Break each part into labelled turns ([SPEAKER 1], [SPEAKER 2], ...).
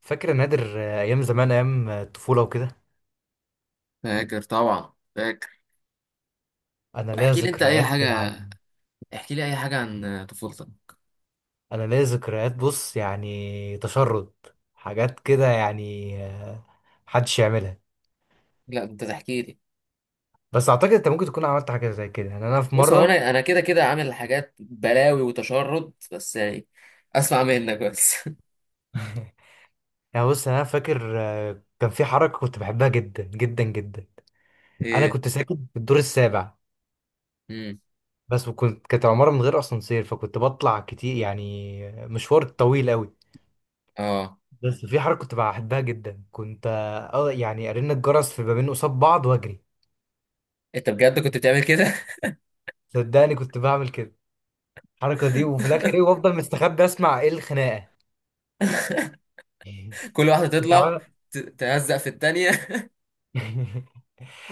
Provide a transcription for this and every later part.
[SPEAKER 1] فاكر يا نادر آه، ايام زمان ايام الطفوله وكده.
[SPEAKER 2] فاكر طبعا فاكر.
[SPEAKER 1] انا ليا
[SPEAKER 2] واحكي لي انت اي
[SPEAKER 1] ذكريات
[SPEAKER 2] حاجه،
[SPEAKER 1] يعني.
[SPEAKER 2] احكي لي اي حاجه عن طفولتك.
[SPEAKER 1] انا ليا ذكريات، بص، يعني تشرد، حاجات كده يعني، محدش يعملها.
[SPEAKER 2] لا، انت تحكي لي.
[SPEAKER 1] بس اعتقد انت ممكن تكون عملت حاجه زي كده، يعني انا في
[SPEAKER 2] بص، هو
[SPEAKER 1] مره.
[SPEAKER 2] انا كده كده عامل حاجات بلاوي وتشرد، بس يعني اسمع منك بس.
[SPEAKER 1] يعني بص، انا فاكر آه، كان في حركه كنت بحبها جدا جدا جدا. انا
[SPEAKER 2] ايه.
[SPEAKER 1] كنت ساكن في الدور السابع
[SPEAKER 2] امم.
[SPEAKER 1] بس، وكنت كانت عماره من غير اسانسير، فكنت بطلع كتير، يعني مشوار طويل قوي.
[SPEAKER 2] اه.
[SPEAKER 1] بس في حركة كنت بحبها جدا، كنت اه يعني ارن الجرس في بابين قصاد بعض واجري.
[SPEAKER 2] انت بجد كنت بتعمل كده؟
[SPEAKER 1] صدقني كنت بعمل كده، الحركة دي، وفي الاخر ايه، وافضل مستخبي اسمع ايه الخناقة.
[SPEAKER 2] كل واحده
[SPEAKER 1] انت
[SPEAKER 2] تطلع
[SPEAKER 1] عارف.
[SPEAKER 2] تهزق في التانية.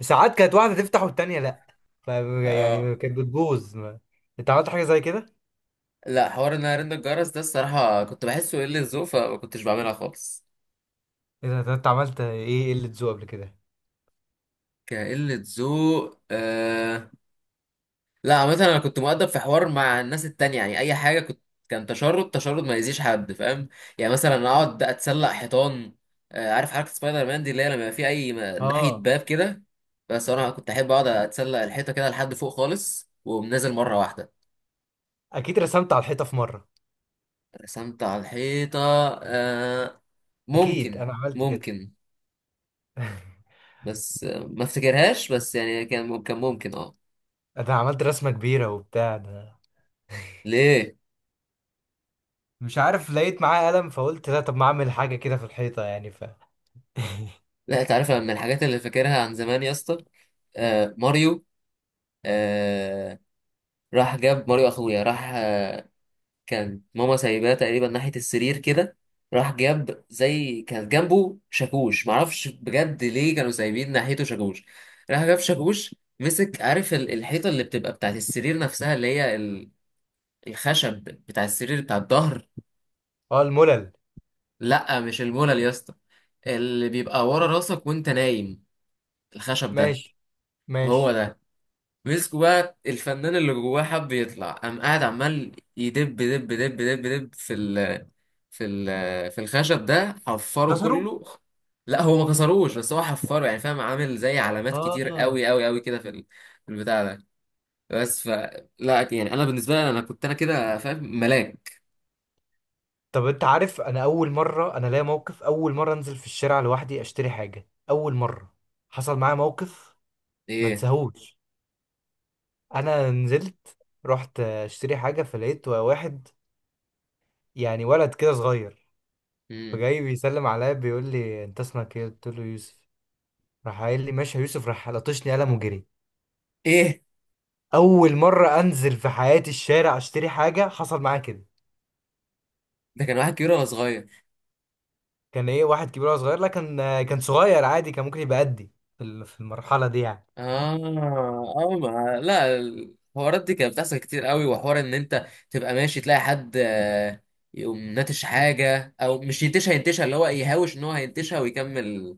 [SPEAKER 1] ساعات كانت واحدة تفتح والتانية لا، ف
[SPEAKER 2] اه.
[SPEAKER 1] يعني كانت بتبوظ انت عملت حاجة زي كده؟
[SPEAKER 2] لا، حوار ان انا رن الجرس ده الصراحه كنت بحسه قله ذوق، فما كنتش بعملها خالص.
[SPEAKER 1] ايه ده، ده انت عملت ايه قلة ذوق قبل كده؟
[SPEAKER 2] كقله ذوق، آه. لا، مثلا انا كنت مؤدب في حوار مع الناس التانية يعني. اي حاجه كان تشرد تشرد ما يأذيش حد، فاهم؟ يعني مثلا اقعد اتسلق حيطان. عارف حركه سبايدر مان دي، اللي هي لما يبقى في اي ناحيه
[SPEAKER 1] اه،
[SPEAKER 2] باب كده. بس انا كنت احب اقعد اتسلق الحيطه كده لحد فوق خالص، ومنزل مره واحده.
[SPEAKER 1] اكيد رسمت على الحيطة في مرة.
[SPEAKER 2] رسمت على الحيطه، آه،
[SPEAKER 1] اكيد
[SPEAKER 2] ممكن.
[SPEAKER 1] انا عملت كده.
[SPEAKER 2] ممكن. بس ما افتكرهاش، بس يعني كان ممكن، اه.
[SPEAKER 1] انا عملت رسمة كبيرة وبتاع ده.
[SPEAKER 2] ليه؟
[SPEAKER 1] مش عارف، لقيت معايا قلم فقلت لا طب ما اعمل حاجة كده في الحيطة يعني.
[SPEAKER 2] لا، تعرف من الحاجات اللي فاكرها عن زمان يا اسطى، ماريو. آه، راح جاب ماريو اخويا، راح، كان ماما سايباه تقريبا ناحية السرير كده. راح جاب، زي كان جنبه شاكوش، معرفش بجد ليه كانوا سايبين ناحيته شاكوش. راح جاب شاكوش، مسك، عارف الحيطة اللي بتبقى بتاعت السرير نفسها، اللي هي الخشب بتاع السرير، بتاع الظهر.
[SPEAKER 1] اه الملل.
[SPEAKER 2] لا، مش المولل يا اسطى. اللي بيبقى ورا راسك وانت نايم، الخشب ده.
[SPEAKER 1] ماشي.
[SPEAKER 2] هو
[SPEAKER 1] ماشي.
[SPEAKER 2] ده. مسكوا بقى، الفنان اللي جواه حب يطلع، قام قاعد عمال يدب، دب دب دب دب في ال في الخشب ده، حفره
[SPEAKER 1] كسروا.
[SPEAKER 2] كله. لا، هو ما كسروش، بس هو حفره يعني، فاهم، عامل زي علامات كتير
[SPEAKER 1] اه،
[SPEAKER 2] قوي قوي قوي كده في في البتاع ده، بس ف. لا، يعني انا بالنسبه لي، انا كنت كده فاهم ملاك.
[SPEAKER 1] طب انت عارف، انا اول مره انا ليا موقف، اول مره انزل في الشارع لوحدي اشتري حاجه، اول مره حصل معايا موقف، ما
[SPEAKER 2] ايه.
[SPEAKER 1] انساهوش. انا نزلت، رحت اشتري حاجه، فلقيت واحد، يعني ولد كده صغير،
[SPEAKER 2] مم.
[SPEAKER 1] فجاي بيسلم عليا بيقول لي انت اسمك ايه، قلت له يوسف، راح قايل لي ماشي يا يوسف، راح لطشني قلم وجري.
[SPEAKER 2] ايه،
[SPEAKER 1] اول مره انزل في حياتي الشارع اشتري حاجه حصل معايا كده.
[SPEAKER 2] ده كان واحد كبير ولا صغير؟
[SPEAKER 1] كان ايه واحد كبير ولا صغير؟ لا كان آه، كان صغير عادي، كان ممكن يبقى قدي في في المرحله دي يعني.
[SPEAKER 2] اه، اه. ما، لا، الحوارات دي كانت بتحصل كتير قوي، وحوار ان انت تبقى ماشي تلاقي حد، يقوم ناتش حاجه، او مش ينتشها، ينتشها اللي هو يهاوش ان هو هينتشها ويكمل.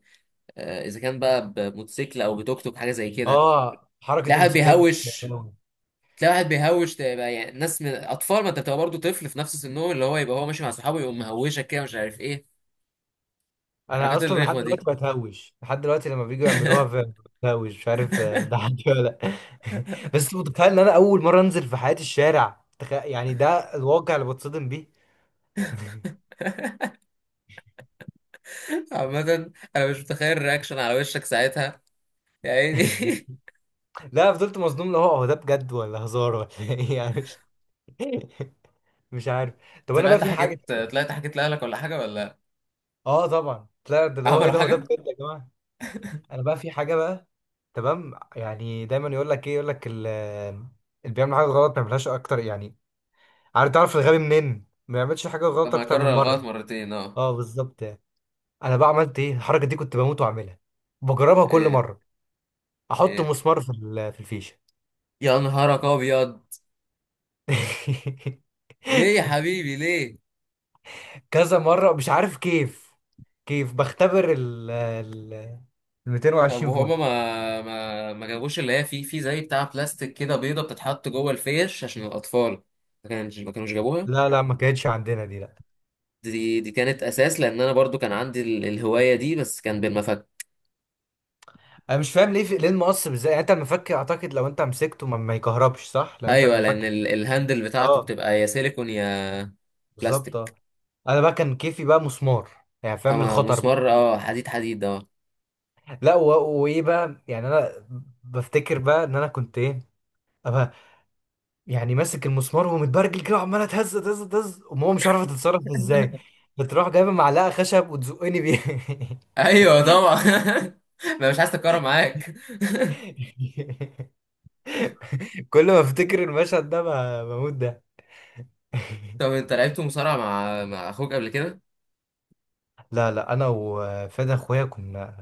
[SPEAKER 2] اذا كان بقى بموتوسيكل، او بتوك توك، حاجه زي كده.
[SPEAKER 1] اه حركه
[SPEAKER 2] تلاقي واحد
[SPEAKER 1] الموتوسيكلات دي كانت
[SPEAKER 2] بيهوش.
[SPEAKER 1] قوي.
[SPEAKER 2] تلاقي واحد بيهوش، تبقى يعني ناس من اطفال، ما انت بتبقى برضه طفل في نفس سنهم، اللي هو يبقى هو ماشي مع صحابه يقوم مهوشك كده مش عارف ايه،
[SPEAKER 1] انا
[SPEAKER 2] الحركات
[SPEAKER 1] اصلا لحد
[SPEAKER 2] الرخمه دي.
[SPEAKER 1] دلوقتي بتهوش، لحد دلوقتي لما بييجوا يعملوها بتهوش مش عارف آه، ده عندي ولا لا. بس متخيل ان انا اول مره انزل في حياتي الشارع، تخيل يعني، ده الواقع اللي بتصدم بيه.
[SPEAKER 2] عامة، أنا مش متخيل الرياكشن على وشك ساعتها، يا عيني.
[SPEAKER 1] لا فضلت مصدوم لو هو هو ده بجد ولا هزار ولا ايه يعني، مش مش عارف. طب انا بقى في حاجه.
[SPEAKER 2] طلعت حكيت لأهلك، ولا حاجة، ولا؟
[SPEAKER 1] اه طبعا، لا ده اللي هو ايه،
[SPEAKER 2] عملوا
[SPEAKER 1] ده هو ده
[SPEAKER 2] حاجة؟
[SPEAKER 1] بجد يا جماعه. انا بقى في حاجه بقى. تمام يعني، دايما يقول لك ايه، يقول لك اللي بيعمل حاجه غلط ما يعملهاش اكتر يعني. عارف، تعرف الغبي منين، ما يعملش حاجه غلط
[SPEAKER 2] لما
[SPEAKER 1] اكتر
[SPEAKER 2] أكرر
[SPEAKER 1] من مره.
[SPEAKER 2] الغلط مرتين، اه.
[SPEAKER 1] اه بالظبط يعني. انا بقى عملت ايه الحركه دي، كنت بموت واعملها، بجربها كل
[SPEAKER 2] ايه.
[SPEAKER 1] مره. احط
[SPEAKER 2] ايه،
[SPEAKER 1] مسمار في في الفيشه.
[SPEAKER 2] يا نهارك أبيض. ليه يا حبيبي، ليه؟
[SPEAKER 1] كذا مره، مش عارف كيف، بختبر ال
[SPEAKER 2] طب،
[SPEAKER 1] 220
[SPEAKER 2] وهما
[SPEAKER 1] فولت.
[SPEAKER 2] ما جابوش اللي هي، في، في، زي بتاع بلاستيك كده، بيضة بتتحط جوه الفيش عشان الأطفال؟ ما كانوش جابوها؟
[SPEAKER 1] لا لا ما كانتش عندنا دي لا.
[SPEAKER 2] دي كانت أساس، لأن أنا برضو كان عندي الهواية دي، بس كان بالمفك.
[SPEAKER 1] انا مش فاهم ليه في، ليه المقص ازاي يعني، انت المفك اعتقد لو انت مسكته ما، ما يكهربش صح، لان انت
[SPEAKER 2] أيوة، لأن
[SPEAKER 1] المفك.
[SPEAKER 2] الهاندل بتاعته
[SPEAKER 1] اه
[SPEAKER 2] بتبقى يا سيليكون، يا
[SPEAKER 1] بالظبط
[SPEAKER 2] بلاستيك.
[SPEAKER 1] اه. انا بقى كان كيفي بقى مسمار، يعني فاهم
[SPEAKER 2] أما
[SPEAKER 1] الخطر بقى.
[SPEAKER 2] مسمار، اه، حديد حديد، اه.
[SPEAKER 1] لا و، وايه بقى يعني، انا بفتكر بقى ان انا كنت ايه، أبقى يعني ماسك المسمار ومتبرجل كده وعماله تهز تهز تهز، وماما مش عارفه تتصرف ازاي، بتروح جايبه معلقه خشب وتزقني بيها.
[SPEAKER 2] ايوه طبعا. ما مش عايز تتكرر معاك.
[SPEAKER 1] كل ما افتكر المشهد ده بموت ده.
[SPEAKER 2] طب انت لعبت مصارعه مع اخوك قبل كده؟
[SPEAKER 1] لا لا انا وفادي اخويا كنا،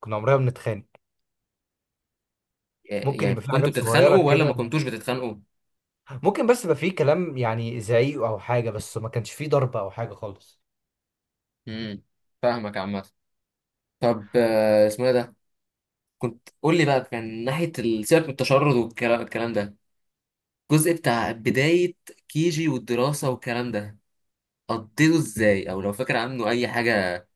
[SPEAKER 1] عمرنا ما بنتخانق. ممكن يبقى
[SPEAKER 2] يعني
[SPEAKER 1] في
[SPEAKER 2] كنتوا
[SPEAKER 1] حاجات صغيره
[SPEAKER 2] بتتخانقوا، ولا ما
[SPEAKER 1] كده،
[SPEAKER 2] كنتوش بتتخانقوا؟
[SPEAKER 1] ممكن، بس يبقى في كلام، يعني زعيق او حاجه، بس ما كانش في ضرب او حاجه خالص.
[SPEAKER 2] امم. فاهمك عامه. طب، اسمه ايه ده، كنت قول لي بقى، كان ناحيه سيبك من التشرد والكلام، الكلام ده، الجزء بتاع بدايه كيجي والدراسه والكلام ده، قضيته ازاي، او لو فاكر عنه اي حاجه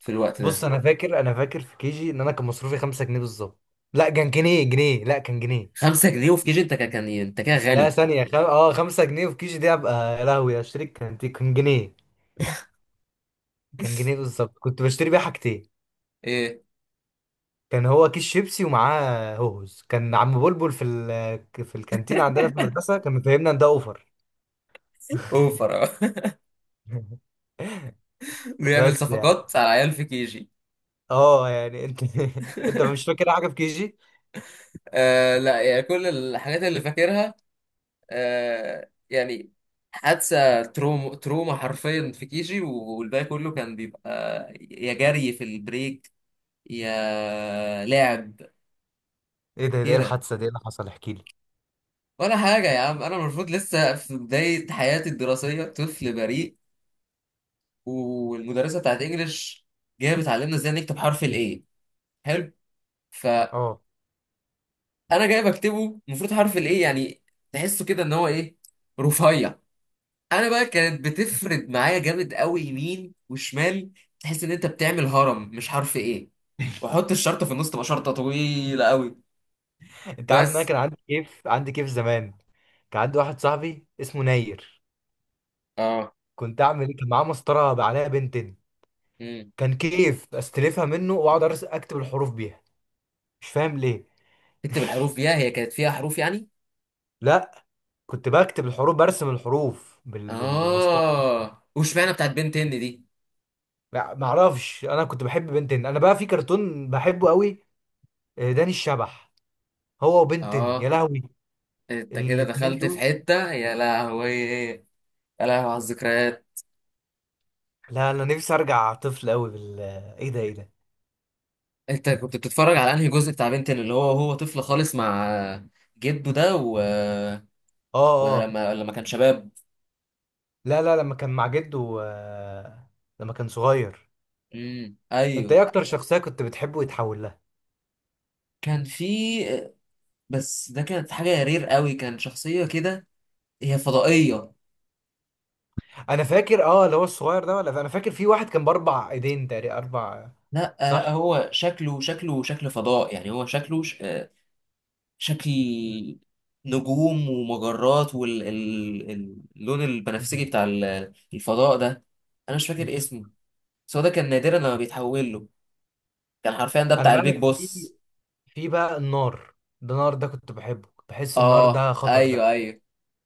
[SPEAKER 2] في الوقت
[SPEAKER 1] بص
[SPEAKER 2] ده.
[SPEAKER 1] انا فاكر، انا فاكر في كيجي ان انا كان مصروفي 5 جنيه بالظبط. لا كان جنيه، جنيه، لا كان جنيه.
[SPEAKER 2] 5 جنيه؟ وفي كيجي انت كان، ايه؟ انت كده
[SPEAKER 1] لا
[SPEAKER 2] غني.
[SPEAKER 1] ثانيه، خم، اه 5 جنيه في كيجي دي ابقى يا لهوي اشتري، كان كان جنيه. كان جنيه بالظبط، كنت بشتري بيها حاجتين،
[SPEAKER 2] ايه؟
[SPEAKER 1] كان هو كيس شيبسي ومعاه هوز، كان عم بلبل في ال، في الكانتين عندنا في المدرسه، كان مفهمنا ان ده اوفر.
[SPEAKER 2] اوفر، آه. بيعمل
[SPEAKER 1] بس يعني،
[SPEAKER 2] صفقات على عيال في كيجي.
[SPEAKER 1] اه يعني انت انت مش فاكر حاجه في كي جي.
[SPEAKER 2] لا، يعني كل الحاجات اللي فاكرها، يعني حادثة تروما، تروما حرفيا، في كيجي، والباقي كله كان بيبقى يا جري في البريك، يا لعب
[SPEAKER 1] ايه ده، ده ايه
[SPEAKER 2] كده.
[SPEAKER 1] الحادثه دي، إيه اللي حصل احكي لي.
[SPEAKER 2] ولا حاجة يا عم، أنا المفروض لسه في بداية حياتي الدراسية، طفل بريء، والمدرسة بتاعت إنجلش جاية بتعلمنا إزاي نكتب حرف الإيه. حلو. فأنا
[SPEAKER 1] اه
[SPEAKER 2] جاي بكتبه، المفروض حرف الإيه يعني تحسه كده إن هو إيه، رفيع. انا بقى كانت بتفرد معايا جامد قوي، يمين وشمال. تحس ان انت بتعمل هرم، مش عارف ايه، واحط الشرطه في النص، تبقى شرطه طويله قوي.
[SPEAKER 1] انت عارف ان انا
[SPEAKER 2] بس.
[SPEAKER 1] كان عندي كيف، عندي كيف زمان، كان عندي واحد صاحبي اسمه ناير.
[SPEAKER 2] اه.
[SPEAKER 1] كنت اعمل ايه، كان معاه مسطره بقى عليها بنتين،
[SPEAKER 2] امم.
[SPEAKER 1] كان كيف استلفها منه واقعد اكتب الحروف بيها، مش فاهم ليه.
[SPEAKER 2] تكتب الحروف فيها؟ هي كانت فيها حروف يعني؟
[SPEAKER 1] لا كنت بكتب الحروف، برسم الحروف بال، بال، بالمسطره.
[SPEAKER 2] اه. وشمعنا بتاعت بنتين دي؟
[SPEAKER 1] ما ما اعرفش، انا كنت بحب بنتين، انا بقى في كرتون بحبه قوي، آه، داني الشبح، هو وبنتين يا
[SPEAKER 2] اه،
[SPEAKER 1] لهوي.
[SPEAKER 2] انت كده
[SPEAKER 1] الاتنين
[SPEAKER 2] دخلت في
[SPEAKER 1] دول،
[SPEAKER 2] حته، يا لهوي، يا لهوي على الذكريات.
[SPEAKER 1] لا انا نفسي ارجع طفل قوي بال، ايه ده، ايه ده.
[SPEAKER 2] انت كنت بتتفرج على انهي جزء بتاع بنتين، اللي هو طفل خالص مع جده ده، و...
[SPEAKER 1] اه
[SPEAKER 2] ولا
[SPEAKER 1] اه.
[SPEAKER 2] لما كان شباب؟
[SPEAKER 1] لا لا لما كان مع جده آه، لما كان صغير.
[SPEAKER 2] امم،
[SPEAKER 1] انت
[SPEAKER 2] ايوه.
[SPEAKER 1] ايه اكتر شخصية كنت بتحبه يتحول لها؟
[SPEAKER 2] كان في، بس ده كانت حاجة رير قوي، كان شخصية كده، هي فضائية.
[SPEAKER 1] انا فاكر اه اللي هو الصغير ده، ولا انا فاكر في واحد كان باربع ايدين تقريبا، اربع.
[SPEAKER 2] لا،
[SPEAKER 1] صح.
[SPEAKER 2] هو شكله شكل فضاء يعني، هو شكله ش- آه، شكل نجوم ومجرات، واللون
[SPEAKER 1] ايه
[SPEAKER 2] البنفسجي
[SPEAKER 1] ده،
[SPEAKER 2] بتاع الفضاء ده. انا مش فاكر
[SPEAKER 1] مش،
[SPEAKER 2] اسمه. بس هو ده كان نادرا لما بيتحول له. كان حرفيا ده
[SPEAKER 1] انا
[SPEAKER 2] بتاع البيج
[SPEAKER 1] بقى في،
[SPEAKER 2] بوس.
[SPEAKER 1] في بقى النار، ده النار ده كنت بحبه، كنت بحس النار ده
[SPEAKER 2] اه،
[SPEAKER 1] خطر ده.
[SPEAKER 2] ايوه، ايوه.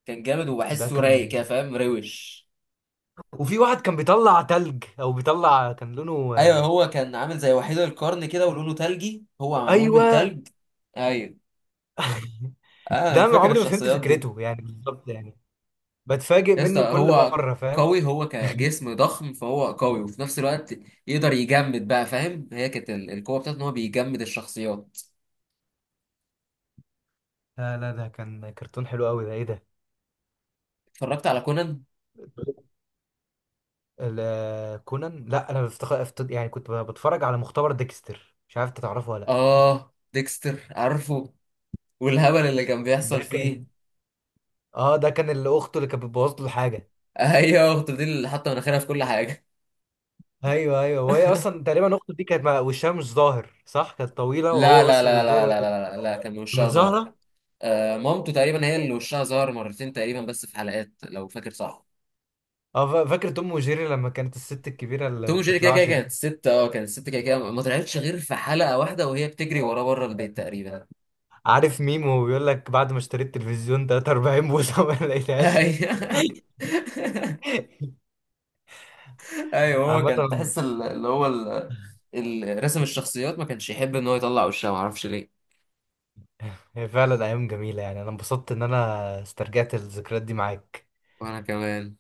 [SPEAKER 2] كان جامد
[SPEAKER 1] ده
[SPEAKER 2] وبحسه رايق
[SPEAKER 1] كان.
[SPEAKER 2] كده، فاهم، روش.
[SPEAKER 1] وفي واحد كان بيطلع تلج او بيطلع، كان لونه
[SPEAKER 2] ايوه،
[SPEAKER 1] آه،
[SPEAKER 2] هو كان عامل زي وحيد القرن كده، ولونه تلجي، هو معمول من
[SPEAKER 1] ايوه.
[SPEAKER 2] تلج. ايوه. انا
[SPEAKER 1] ده ما
[SPEAKER 2] فاكر
[SPEAKER 1] عمري ما فهمت
[SPEAKER 2] الشخصيات دي.
[SPEAKER 1] فكرته يعني بالظبط يعني، بتفاجئ
[SPEAKER 2] يا اسطى،
[SPEAKER 1] منه كل
[SPEAKER 2] هو
[SPEAKER 1] مرة فاهم.
[SPEAKER 2] قوي، هو كجسم ضخم فهو قوي، وفي نفس الوقت يقدر يجمد بقى، فاهم، هي كانت القوه بتاعته ان هو بيجمد الشخصيات.
[SPEAKER 1] لا لا ده كان كرتون حلو قوي ده، ايه ده.
[SPEAKER 2] اتفرجت على كونان؟
[SPEAKER 1] كونان لا، انا بفتخ، افت، يعني كنت بتفرج على مختبر ديكستر، مش عارف انت تعرفه ولا لا.
[SPEAKER 2] اه، ديكستر عارفه، والهبل اللي كان
[SPEAKER 1] ده
[SPEAKER 2] بيحصل
[SPEAKER 1] كان،
[SPEAKER 2] فيه.
[SPEAKER 1] اه ده كان اللي اخته اللي كانت بتبوظ له حاجه.
[SPEAKER 2] ايوه، اخته دي اللي حاطه مناخيرها في كل حاجه.
[SPEAKER 1] ايوه ايوه، وهي اصلا تقريبا اخته دي كانت مع، وشها مش ظاهر صح، كانت طويله
[SPEAKER 2] لا
[SPEAKER 1] وهو
[SPEAKER 2] لا
[SPEAKER 1] بس
[SPEAKER 2] لا
[SPEAKER 1] اللي ظاهر
[SPEAKER 2] لا لا
[SPEAKER 1] واقف.
[SPEAKER 2] لا لا, لا. كان
[SPEAKER 1] مش
[SPEAKER 2] وشها ظاهر.
[SPEAKER 1] ظاهره.
[SPEAKER 2] آه، مامته تقريبا هي اللي وشها ظهر مرتين تقريبا، بس في حلقات، لو فاكر صح.
[SPEAKER 1] اه فاكر توم وجيري لما كانت الست الكبيره اللي
[SPEAKER 2] توم
[SPEAKER 1] ما
[SPEAKER 2] وجيري كده كده
[SPEAKER 1] بتطلعش؟
[SPEAKER 2] كانت ست كده كده ما طلعتش غير في حلقة واحدة، وهي بتجري وراه بره البيت تقريبا.
[SPEAKER 1] عارف ميم وهو بيقول لك بعد ما اشتريت تلفزيون 43 بوصة ما لقيتهاش.
[SPEAKER 2] ايوه، ايوه. هو
[SPEAKER 1] عامة،
[SPEAKER 2] كان تحس ال- اللي هو ال- ال- رسم الشخصيات ما كانش يحب ان هو يطلع وشها، ما اعرفش ليه.
[SPEAKER 1] هي فعلا أيام جميلة يعني، أنا انبسطت إن أنا استرجعت الذكريات دي معاك.
[SPEAKER 2] وانا كمان.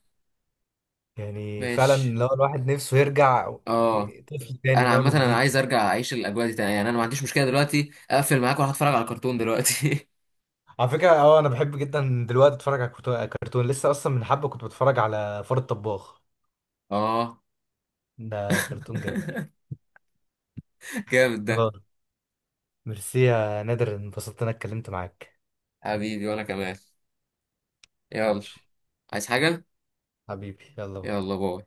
[SPEAKER 1] يعني فعلا
[SPEAKER 2] ماشي.
[SPEAKER 1] لو الواحد نفسه يرجع
[SPEAKER 2] اه.
[SPEAKER 1] طفل تاني
[SPEAKER 2] انا
[SPEAKER 1] من أول
[SPEAKER 2] عامة، انا عايز
[SPEAKER 1] وجديد.
[SPEAKER 2] ارجع اعيش الاجواء دي تاني، يعني انا ما عنديش مشكلة دلوقتي اقفل معاك واروح اتفرج على الكرتون دلوقتي.
[SPEAKER 1] على فكرة أه أنا بحب جدا دلوقتي أتفرج على كرتون. كرتون لسه أصلا من حبة كنت بتفرج على فار الطباخ،
[SPEAKER 2] اه.
[SPEAKER 1] ده كرتون جامد.
[SPEAKER 2] جامد ده.
[SPEAKER 1] أه ميرسي يا نادر، انبسطت إن أنا اتكلمت معاك.
[SPEAKER 2] حبيبي، وانا كمان. يلا، عايز حاجة؟
[SPEAKER 1] حبيبي يلا بقى.
[SPEAKER 2] يلا، باي.